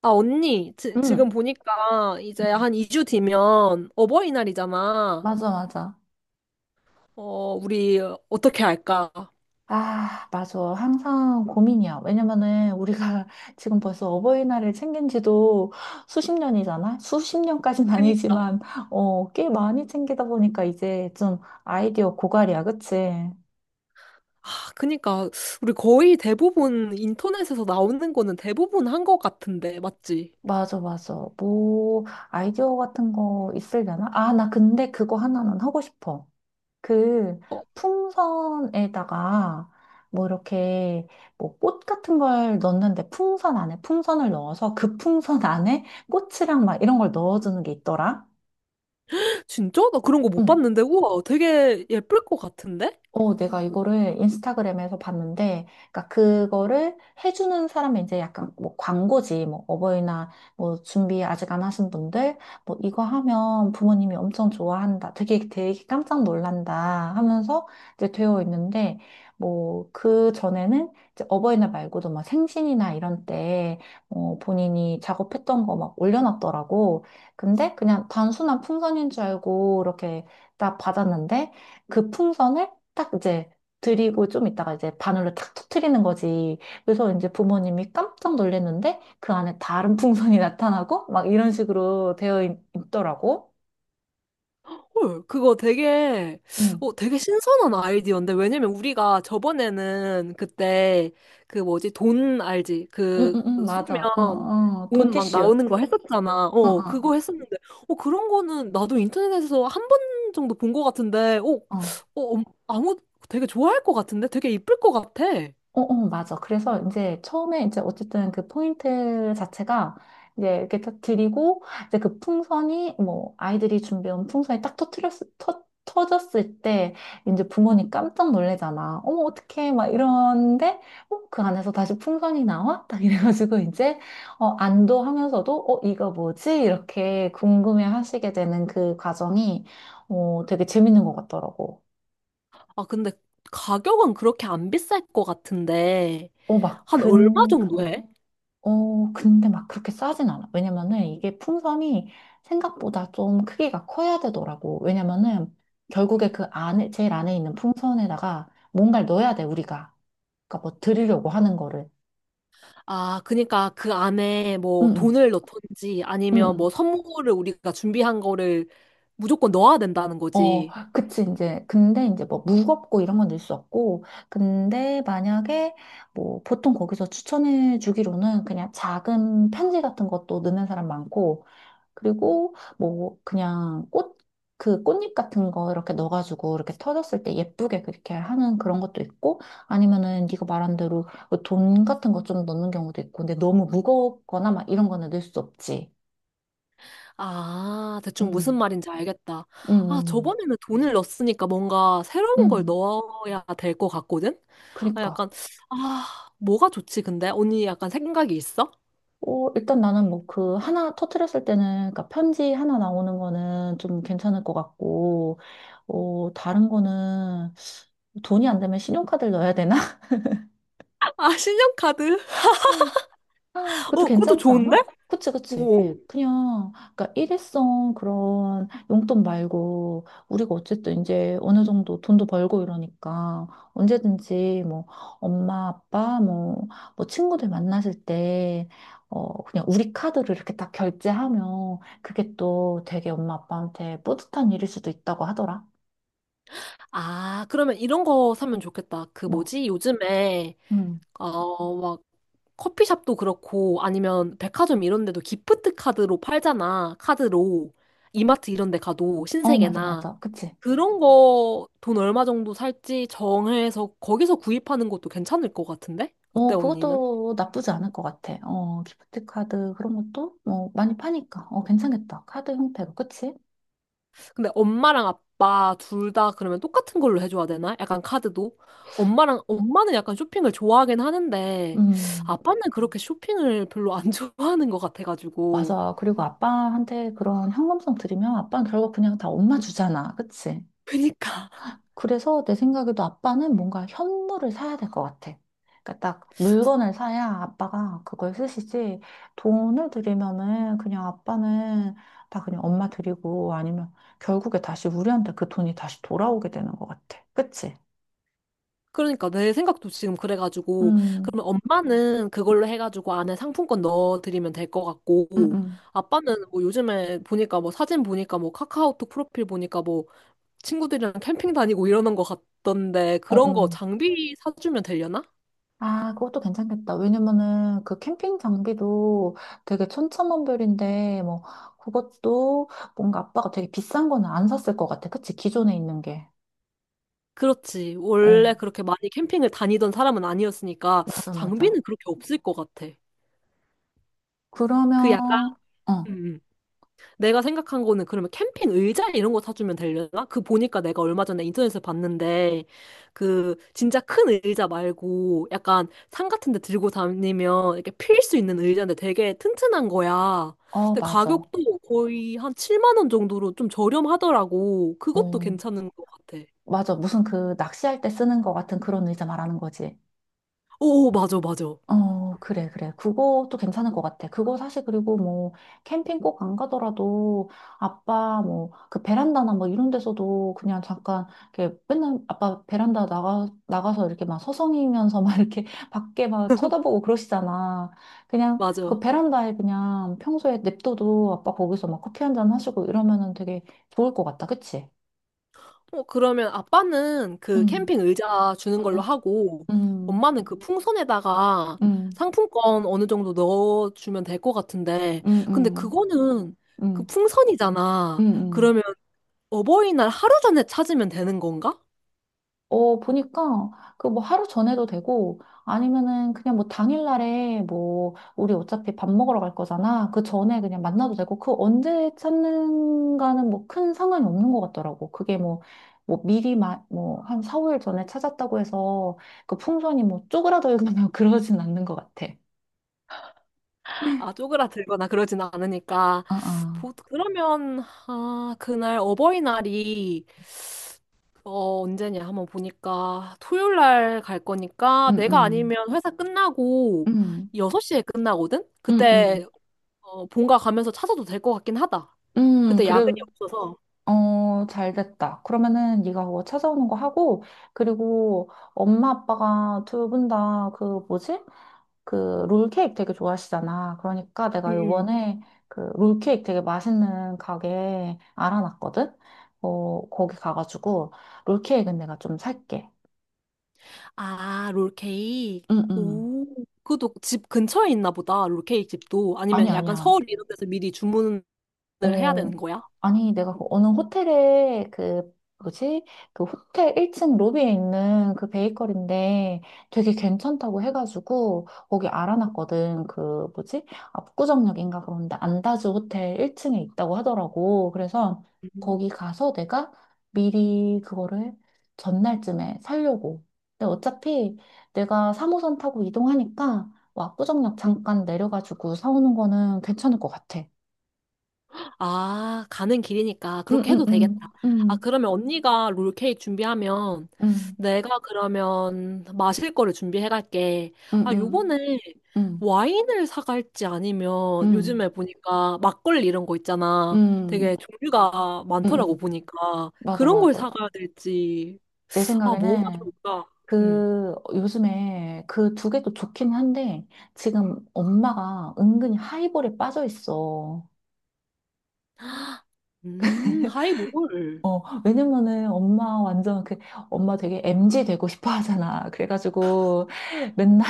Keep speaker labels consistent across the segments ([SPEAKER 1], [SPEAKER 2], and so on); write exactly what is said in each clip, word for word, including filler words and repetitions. [SPEAKER 1] 아, 언니, 지, 지금
[SPEAKER 2] 응,
[SPEAKER 1] 보니까 이제 한 이 주 뒤면 어버이날이잖아.
[SPEAKER 2] 맞아, 맞아.
[SPEAKER 1] 어, 우리 어떻게 할까?
[SPEAKER 2] 아, 맞아. 항상 고민이야. 왜냐면은 우리가 지금 벌써 어버이날을 챙긴 지도 수십 년이잖아? 수십 년까진
[SPEAKER 1] 그니까.
[SPEAKER 2] 아니지만, 어, 꽤 많이 챙기다 보니까 이제 좀 아이디어 고갈이야, 그치?
[SPEAKER 1] 아, 그니까. 우리 거의 대부분 인터넷에서 나오는 거는 대부분 한 것 같은데, 맞지?
[SPEAKER 2] 맞아, 맞아. 뭐, 아이디어 같은 거 있으려나? 아, 나 근데 그거 하나는 하고 싶어. 그
[SPEAKER 1] 어,
[SPEAKER 2] 풍선에다가 뭐 이렇게 뭐 꽃 같은 걸 넣는데 풍선 안에 풍선을 넣어서 그 풍선 안에 꽃이랑 막 이런 걸 넣어주는 게 있더라.
[SPEAKER 1] 진짜? 나 그런 거 못
[SPEAKER 2] 응.
[SPEAKER 1] 봤는데, 우와, 되게 예쁠 것 같은데?
[SPEAKER 2] 어, 내가 이거를 인스타그램에서 봤는데, 그러니까 그거를 해주는 사람이 이제 약간 뭐 광고지, 뭐 어버이날 뭐 준비 아직 안 하신 분들, 뭐 이거 하면 부모님이 엄청 좋아한다, 되게 되게 깜짝 놀란다 하면서 이제 되어 있는데, 뭐 그 전에는 이제 어버이날 말고도 막 생신이나 이런 때, 어, 본인이 작업했던 거 막 올려놨더라고. 근데 그냥 단순한 풍선인 줄 알고 이렇게 딱 받았는데, 그 풍선을 딱 이제 드리고 좀 있다가 이제 바늘로 탁 터트리는 거지. 그래서 이제 부모님이 깜짝 놀랐는데 그 안에 다른 풍선이 나타나고 막 이런 식으로 되어 있 더라고.
[SPEAKER 1] 헐, 그거 되게,
[SPEAKER 2] 응,
[SPEAKER 1] 어, 되게 신선한 아이디어인데, 왜냐면 우리가 저번에는 그때, 그 뭐지, 돈 알지?
[SPEAKER 2] 응, 응,
[SPEAKER 1] 그,
[SPEAKER 2] 응, 맞아. 어,
[SPEAKER 1] 쏘면
[SPEAKER 2] 어,
[SPEAKER 1] 돈 막
[SPEAKER 2] 돈티슈.
[SPEAKER 1] 나오는 거 했었잖아.
[SPEAKER 2] 어,
[SPEAKER 1] 어,
[SPEAKER 2] 어,
[SPEAKER 1] 그거 했었는데, 어, 그런 거는 나도 인터넷에서 한 번 정도 본 거 같은데, 어,
[SPEAKER 2] 어.
[SPEAKER 1] 어, 음, 아무, 되게 좋아할 것 같은데? 되게 이쁠 것 같아.
[SPEAKER 2] 어, 어, 맞아. 그래서 이제 처음에 이제 어쨌든 그 포인트 자체가 이제 이렇게 딱 드리고 이제 그 풍선이 뭐 아이들이 준비한 풍선이 딱 터트렸, 터, 터졌을 때 이제 부모님 깜짝 놀래잖아. 어머, 어떡해. 막 이러는데 어, 그 안에서 다시 풍선이 나와? 딱 이래가지고 이제 어, 안도하면서도 어, 이거 뭐지? 이렇게 궁금해 하시게 되는 그 과정이 어, 되게 재밌는 것 같더라고.
[SPEAKER 1] 아, 근데 가격은 그렇게 안 비쌀 것 같은데,
[SPEAKER 2] 어, 막
[SPEAKER 1] 한 얼마
[SPEAKER 2] 근,
[SPEAKER 1] 정도 해?
[SPEAKER 2] 어, 근데 막 그렇게 싸진 않아. 왜냐면은 이게 풍선이 생각보다 좀 크기가 커야 되더라고. 왜냐면은 결국에 그 안에, 제일 안에 있는 풍선에다가 뭔가를 넣어야 돼, 우리가. 그러니까 뭐 드리려고 하는 거를.
[SPEAKER 1] 아, 그니까 그 안에
[SPEAKER 2] 응,
[SPEAKER 1] 뭐
[SPEAKER 2] 응,
[SPEAKER 1] 돈을 넣던지
[SPEAKER 2] 응,
[SPEAKER 1] 아니면
[SPEAKER 2] 응.
[SPEAKER 1] 뭐 선물을 우리가 준비한 거를 무조건 넣어야 된다는
[SPEAKER 2] 어,
[SPEAKER 1] 거지.
[SPEAKER 2] 그치, 이제. 근데 이제 뭐 무겁고 이런 건 넣을 수 없고. 근데 만약에 뭐 보통 거기서 추천해 주기로는 그냥 작은 편지 같은 것도 넣는 사람 많고. 그리고 뭐 그냥 꽃, 그 꽃잎 같은 거 이렇게 넣어가지고 이렇게 터졌을 때 예쁘게 그렇게 하는 그런 것도 있고 아니면은 네가 말한 대로 뭐돈 같은 거 좀 넣는 경우도 있고 근데 너무 무겁거나 막 이런 거는 넣을 수 없지.
[SPEAKER 1] 아, 대충 무슨
[SPEAKER 2] 음,
[SPEAKER 1] 말인지 알겠다.
[SPEAKER 2] 음,
[SPEAKER 1] 아,
[SPEAKER 2] 음,
[SPEAKER 1] 저번에는 돈을 넣었으니까 뭔가 새로운 걸
[SPEAKER 2] 음,
[SPEAKER 1] 넣어야 될 것 같거든? 아,
[SPEAKER 2] 그러니까.
[SPEAKER 1] 약간, 아, 뭐가 좋지, 근데? 언니 약간 생각이 있어?
[SPEAKER 2] 어, 일단 나는 뭐 그 하나 터트렸을 때는 그러니까 편지 하나 나오는 거는 좀 괜찮을 것 같고 어, 다른 거는 돈이 안 되면 신용카드를 넣어야 되나?
[SPEAKER 1] 아, 신용카드.
[SPEAKER 2] 아, 그것도
[SPEAKER 1] 어, 그것도
[SPEAKER 2] 괜찮지
[SPEAKER 1] 좋은데?
[SPEAKER 2] 않아? 그치, 그치.
[SPEAKER 1] 오.
[SPEAKER 2] 그냥, 그러니까 일회성 그런 용돈 말고, 우리가 어쨌든 이제 어느 정도 돈도 벌고 이러니까, 언제든지 뭐, 엄마, 아빠, 뭐, 뭐, 친구들 만나실 때, 어, 그냥 우리 카드로 이렇게 딱 결제하면, 그게 또 되게 엄마, 아빠한테 뿌듯한 일일 수도 있다고 하더라.
[SPEAKER 1] 아, 그러면 이런 거 사면 좋겠다. 그
[SPEAKER 2] 뭐,
[SPEAKER 1] 뭐지? 요즘에,
[SPEAKER 2] 음.
[SPEAKER 1] 어, 막, 커피숍도 그렇고 아니면 백화점 이런 데도 기프트 카드로 팔잖아. 카드로. 이마트 이런 데 가도
[SPEAKER 2] 어, 맞아,
[SPEAKER 1] 신세계나
[SPEAKER 2] 맞아. 그치.
[SPEAKER 1] 그런 거 돈 얼마 정도 살지 정해서 거기서 구입하는 것도 괜찮을 것 같은데?
[SPEAKER 2] 어,
[SPEAKER 1] 어때, 언니는?
[SPEAKER 2] 그것도 나쁘지 않을 것 같아. 어, 기프트 카드 그런 것도 뭐 많이 파니까. 어, 괜찮겠다. 카드 형태로. 그치?
[SPEAKER 1] 근데 엄마랑 아빠 둘 다 그러면 똑같은 걸로 해줘야 되나? 약간 카드도? 엄마랑 엄마는 약간 쇼핑을 좋아하긴 하는데
[SPEAKER 2] 음,
[SPEAKER 1] 아빠는 그렇게 쇼핑을 별로 안 좋아하는 것 같아가지고
[SPEAKER 2] 맞아. 그리고 아빠한테 그런 현금성 드리면 아빠는 결국 그냥 다 엄마 주잖아. 그치?
[SPEAKER 1] 그니까
[SPEAKER 2] 그래서 내 생각에도 아빠는 뭔가 현물을 사야 될 것 같아. 그러니까 딱 물건을 사야 아빠가 그걸 쓰시지. 돈을 드리면은 그냥 아빠는 다 그냥 엄마 드리고 아니면 결국에 다시 우리한테 그 돈이 다시 돌아오게 되는 것 같아. 그치?
[SPEAKER 1] 그러니까 내 생각도 지금 그래가지고
[SPEAKER 2] 음,
[SPEAKER 1] 그러면 엄마는 그걸로 해가지고 안에 상품권 넣어드리면 될 것
[SPEAKER 2] 응,
[SPEAKER 1] 같고
[SPEAKER 2] 응.
[SPEAKER 1] 아빠는 뭐 요즘에 보니까 뭐 사진 보니까 뭐 카카오톡 프로필 보니까 뭐 친구들이랑 캠핑 다니고 이러는 것 같던데
[SPEAKER 2] 어,
[SPEAKER 1] 그런 거
[SPEAKER 2] 어.
[SPEAKER 1] 장비 사주면 되려나?
[SPEAKER 2] 아, 그것도 괜찮겠다. 왜냐면은 그 캠핑 장비도 되게 천차만별인데, 뭐, 그것도 뭔가 아빠가 되게 비싼 거는 안 샀을 것 같아. 그치? 기존에 있는 게.
[SPEAKER 1] 그렇지, 원래
[SPEAKER 2] 어,
[SPEAKER 1] 그렇게 많이 캠핑을 다니던 사람은 아니었으니까
[SPEAKER 2] 맞아, 맞아.
[SPEAKER 1] 장비는 그렇게 없을 것 같아. 그
[SPEAKER 2] 그러면,
[SPEAKER 1] 약간
[SPEAKER 2] 어,
[SPEAKER 1] 음. 내가 생각한 거는 그러면 캠핑 의자 이런 거 사주면 되려나? 그 보니까 내가 얼마 전에 인터넷에서 봤는데 그 진짜 큰 의자 말고 약간 산 같은 데 들고 다니면 이렇게 필 수 있는 의자인데 되게 튼튼한 거야.
[SPEAKER 2] 어,
[SPEAKER 1] 근데
[SPEAKER 2] 맞아.
[SPEAKER 1] 가격도 거의 한 칠만 원 정도로 좀 저렴하더라고. 그것도
[SPEAKER 2] 어,
[SPEAKER 1] 괜찮은 것 같아.
[SPEAKER 2] 맞아. 무슨 그 낚시할 때 쓰는 것 같은 그런 의자 말하는 거지.
[SPEAKER 1] 오, 맞아, 맞아.
[SPEAKER 2] 어, 그래, 그래. 그것도 괜찮은 것 같아. 그거 사실 그리고 뭐, 캠핑 꼭 안 가더라도, 아빠 뭐, 그 베란다나 뭐 이런 데서도 그냥 잠깐, 이렇게 맨날 아빠 베란다 나가, 나가서 이렇게 막 서성이면서 막 이렇게 밖에 막 쳐다보고 그러시잖아. 그냥 그
[SPEAKER 1] 맞아.
[SPEAKER 2] 베란다에 그냥 평소에 냅둬도 아빠 거기서 막 커피 한 잔 하시고 이러면은 되게 좋을 것 같다. 그치?
[SPEAKER 1] 어, 그러면 아빠는 그
[SPEAKER 2] 응,
[SPEAKER 1] 캠핑 의자 주는 걸로
[SPEAKER 2] 응,
[SPEAKER 1] 하고,
[SPEAKER 2] 응,
[SPEAKER 1] 엄마는 그 풍선에다가
[SPEAKER 2] 응,
[SPEAKER 1] 상품권 어느 정도 넣어주면 될 것 같은데,
[SPEAKER 2] 응, 응,
[SPEAKER 1] 근데
[SPEAKER 2] 응,
[SPEAKER 1] 그거는 그
[SPEAKER 2] 응, 응.
[SPEAKER 1] 풍선이잖아.
[SPEAKER 2] 응.
[SPEAKER 1] 그러면 어버이날 하루 전에 찾으면 되는 건가?
[SPEAKER 2] 어, 보니까 그 뭐 하루 전에도 되고 아니면은 그냥 뭐 당일날에 뭐 우리 어차피 밥 먹으러 갈 거잖아. 그 전에 그냥 만나도 되고 그 언제 찾는가는 뭐 큰 상관이 없는 것 같더라고. 그게 뭐 뭐 미리 뭐한 사, 오 일 전에 찾았다고 해서 그 풍선이 뭐 쪼그라들거나 그러진 않는 것 같아.
[SPEAKER 1] 아, 쪼그라들거나 그러진 않으니까.
[SPEAKER 2] 아, 아.
[SPEAKER 1] 보, 그러면, 아, 그날 어버이날이 어, 언제냐 한번 보니까 토요일 날 갈 거니까
[SPEAKER 2] 음,
[SPEAKER 1] 내가
[SPEAKER 2] 음.
[SPEAKER 1] 아니면 회사 끝나고
[SPEAKER 2] 음,
[SPEAKER 1] 여섯 시에 끝나거든?
[SPEAKER 2] 음, 음.
[SPEAKER 1] 그때 어, 본가 가면서 찾아도 될 것 같긴 하다.
[SPEAKER 2] 음,
[SPEAKER 1] 그때
[SPEAKER 2] 그래,
[SPEAKER 1] 야근이 없어서.
[SPEAKER 2] 어, 잘 됐다. 그러면은 네가 그거 찾아오는 거 하고, 그리고 엄마 아빠가 두 분 다 그 뭐지? 그 롤케이크 되게 좋아하시잖아. 그러니까
[SPEAKER 1] 음.
[SPEAKER 2] 내가
[SPEAKER 1] 음.
[SPEAKER 2] 요번에 그 롤케이크 되게 맛있는 가게 알아놨거든? 어, 거기 가가지고 롤케이크는 내가 좀 살게.
[SPEAKER 1] 아, 롤케이크.
[SPEAKER 2] 응, 응.
[SPEAKER 1] 오, 그것도 집 근처에 있나 보다. 롤케이크 집도.
[SPEAKER 2] 아니,
[SPEAKER 1] 아니면 약간
[SPEAKER 2] 아니야.
[SPEAKER 1] 서울 이런 데서 미리 주문을 해야
[SPEAKER 2] 어,
[SPEAKER 1] 되는 거야?
[SPEAKER 2] 아니, 내가 그 어느 호텔에 그, 뭐지? 그 호텔 일 층 로비에 있는 그 베이커리인데 되게 괜찮다고 해가지고 거기 알아놨거든. 그, 뭐지? 압구정역인가 그런데 안다즈 호텔 일 층에 있다고 하더라고. 그래서
[SPEAKER 1] 음.
[SPEAKER 2] 거기 가서 내가 미리 그거를 전날쯤에 살려고. 근데 어차피 내가 삼 호선 타고 이동하니까 뭐 압구정역 잠깐 내려가지고 사오는 거는 괜찮을 것 같아.
[SPEAKER 1] 아, 가는 길이니까
[SPEAKER 2] 음,
[SPEAKER 1] 그렇게
[SPEAKER 2] 음,
[SPEAKER 1] 해도 되겠다.
[SPEAKER 2] 음,
[SPEAKER 1] 아,
[SPEAKER 2] 음,
[SPEAKER 1] 그러면 언니가 롤케이크 준비하면
[SPEAKER 2] 음,
[SPEAKER 1] 내가 그러면 마실 거를 준비해 갈게. 아,
[SPEAKER 2] 음,
[SPEAKER 1] 요번에
[SPEAKER 2] 음,
[SPEAKER 1] 와인을 사갈지
[SPEAKER 2] 음,
[SPEAKER 1] 아니면
[SPEAKER 2] 음,
[SPEAKER 1] 요즘에 보니까 막걸리 이런 거 있잖아.
[SPEAKER 2] 음,
[SPEAKER 1] 되게 종류가 많더라고,
[SPEAKER 2] 음.
[SPEAKER 1] 보니까
[SPEAKER 2] 맞아,
[SPEAKER 1] 그런 걸
[SPEAKER 2] 맞아.
[SPEAKER 1] 사가야 될지.
[SPEAKER 2] 내
[SPEAKER 1] 아, 뭐가
[SPEAKER 2] 생각에는
[SPEAKER 1] 좋을까? 음,
[SPEAKER 2] 그 요즘에 그 두 개도 좋긴 한데 지금 엄마가 은근히 하이볼에 빠져 있어.
[SPEAKER 1] 음, 하이볼.
[SPEAKER 2] 어, 왜냐면은 엄마 완전 그 엄마 되게 m 지 되고 싶어 하잖아. 그래가지고 맨날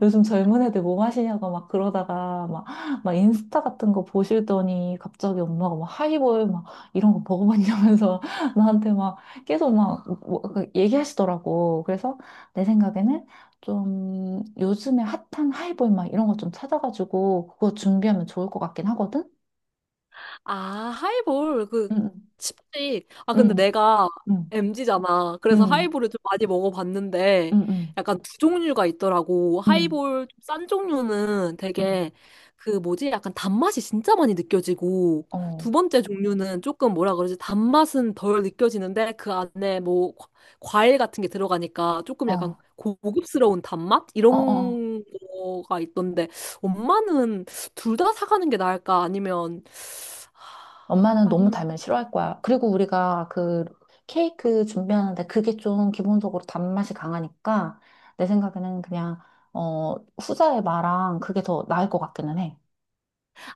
[SPEAKER 2] 요즘 젊은 애들 뭐 마시냐고 막 그러다가 막, 막 인스타 같은 거 보시더니 갑자기 엄마가 막 하이볼 막 이런 거 먹어봤냐면서 나한테 막 계속 막 뭐- 그 얘기하시더라고. 그래서 내 생각에는 좀 요즘에 핫한 하이볼 막 이런 거 좀 찾아가지고 그거 준비하면 좋을 것 같긴 하거든?
[SPEAKER 1] 아, 하이볼, 그,
[SPEAKER 2] 응,
[SPEAKER 1] 칩식. 아, 근데
[SPEAKER 2] 응,
[SPEAKER 1] 내가
[SPEAKER 2] 응,
[SPEAKER 1] 엠지잖아. 그래서
[SPEAKER 2] 응,
[SPEAKER 1] 하이볼을 좀 많이
[SPEAKER 2] 응,
[SPEAKER 1] 먹어봤는데,
[SPEAKER 2] 응, 응,
[SPEAKER 1] 약간 두 종류가 있더라고.
[SPEAKER 2] 응,
[SPEAKER 1] 하이볼 좀싼 종류는
[SPEAKER 2] 응.
[SPEAKER 1] 되게, 그 뭐지? 약간 단맛이 진짜 많이 느껴지고, 두
[SPEAKER 2] 어,
[SPEAKER 1] 번째 종류는 조금 뭐라 그러지? 단맛은 덜 느껴지는데, 그 안에 뭐, 과- 과일 같은 게 들어가니까 조금 약간
[SPEAKER 2] 어,
[SPEAKER 1] 고급스러운 단맛?
[SPEAKER 2] 어, 어.
[SPEAKER 1] 이런 거가 있던데, 엄마는 둘 다 사가는 게 나을까? 아니면
[SPEAKER 2] 엄마는 너무
[SPEAKER 1] 아니면
[SPEAKER 2] 달면 싫어할 거야. 그리고 우리가 그 케이크 준비하는데 그게 좀 기본적으로 단맛이 강하니까 내 생각에는 그냥 어 후자의 마랑 그게 더 나을 것 같기는 해.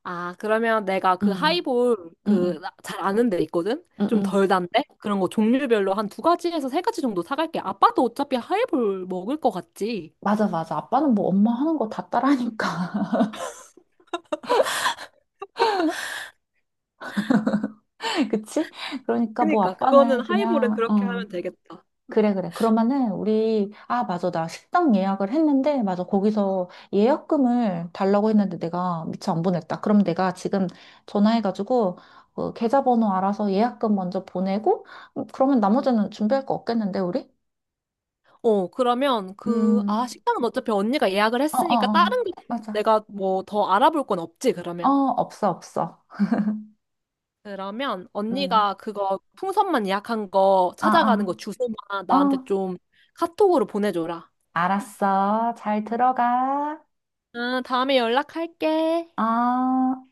[SPEAKER 1] 아, 그러면 내가 그
[SPEAKER 2] 응,
[SPEAKER 1] 하이볼
[SPEAKER 2] 응, 응,
[SPEAKER 1] 그 잘 아는 데 있거든?
[SPEAKER 2] 응,
[SPEAKER 1] 좀
[SPEAKER 2] 응.
[SPEAKER 1] 덜 단데? 그런 거 종류별로 한 두 가지에서 세 가지 정도 사갈게. 아빠도 어차피 하이볼 먹을 것 같지?
[SPEAKER 2] 맞아, 맞아. 아빠는 뭐 엄마 하는 거 다 따라하니까. 그치? 그러니까 뭐
[SPEAKER 1] 그니까 그거는
[SPEAKER 2] 아빠는
[SPEAKER 1] 하이볼은
[SPEAKER 2] 그냥,
[SPEAKER 1] 그렇게
[SPEAKER 2] 어,
[SPEAKER 1] 하면 되겠다.
[SPEAKER 2] 그래, 그래. 그러면은 우리, 아, 맞아. 나 식당 예약을 했는데, 맞아. 거기서 예약금을 달라고 했는데 내가 미처 안 보냈다. 그럼 내가 지금 전화해가지고, 어, 계좌번호 알아서 예약금 먼저 보내고, 음, 그러면 나머지는 준비할 거 없겠는데, 우리?
[SPEAKER 1] 어, 그러면 그 아,
[SPEAKER 2] 음,
[SPEAKER 1] 식당은 어차피 언니가 예약을
[SPEAKER 2] 어, 어,
[SPEAKER 1] 했으니까
[SPEAKER 2] 어.
[SPEAKER 1] 다른 게
[SPEAKER 2] 맞아.
[SPEAKER 1] 내가 뭐 더 알아볼 건 없지
[SPEAKER 2] 어,
[SPEAKER 1] 그러면.
[SPEAKER 2] 없어, 없어.
[SPEAKER 1] 그러면
[SPEAKER 2] 음.
[SPEAKER 1] 언니가 그거 풍선만 예약한 거 찾아가는
[SPEAKER 2] 아,
[SPEAKER 1] 거 주소만
[SPEAKER 2] 아.
[SPEAKER 1] 나한테
[SPEAKER 2] 어,
[SPEAKER 1] 좀 카톡으로 보내줘라.
[SPEAKER 2] 알았어. 잘 들어가.
[SPEAKER 1] 아, 다음에 연락할게.
[SPEAKER 2] 아.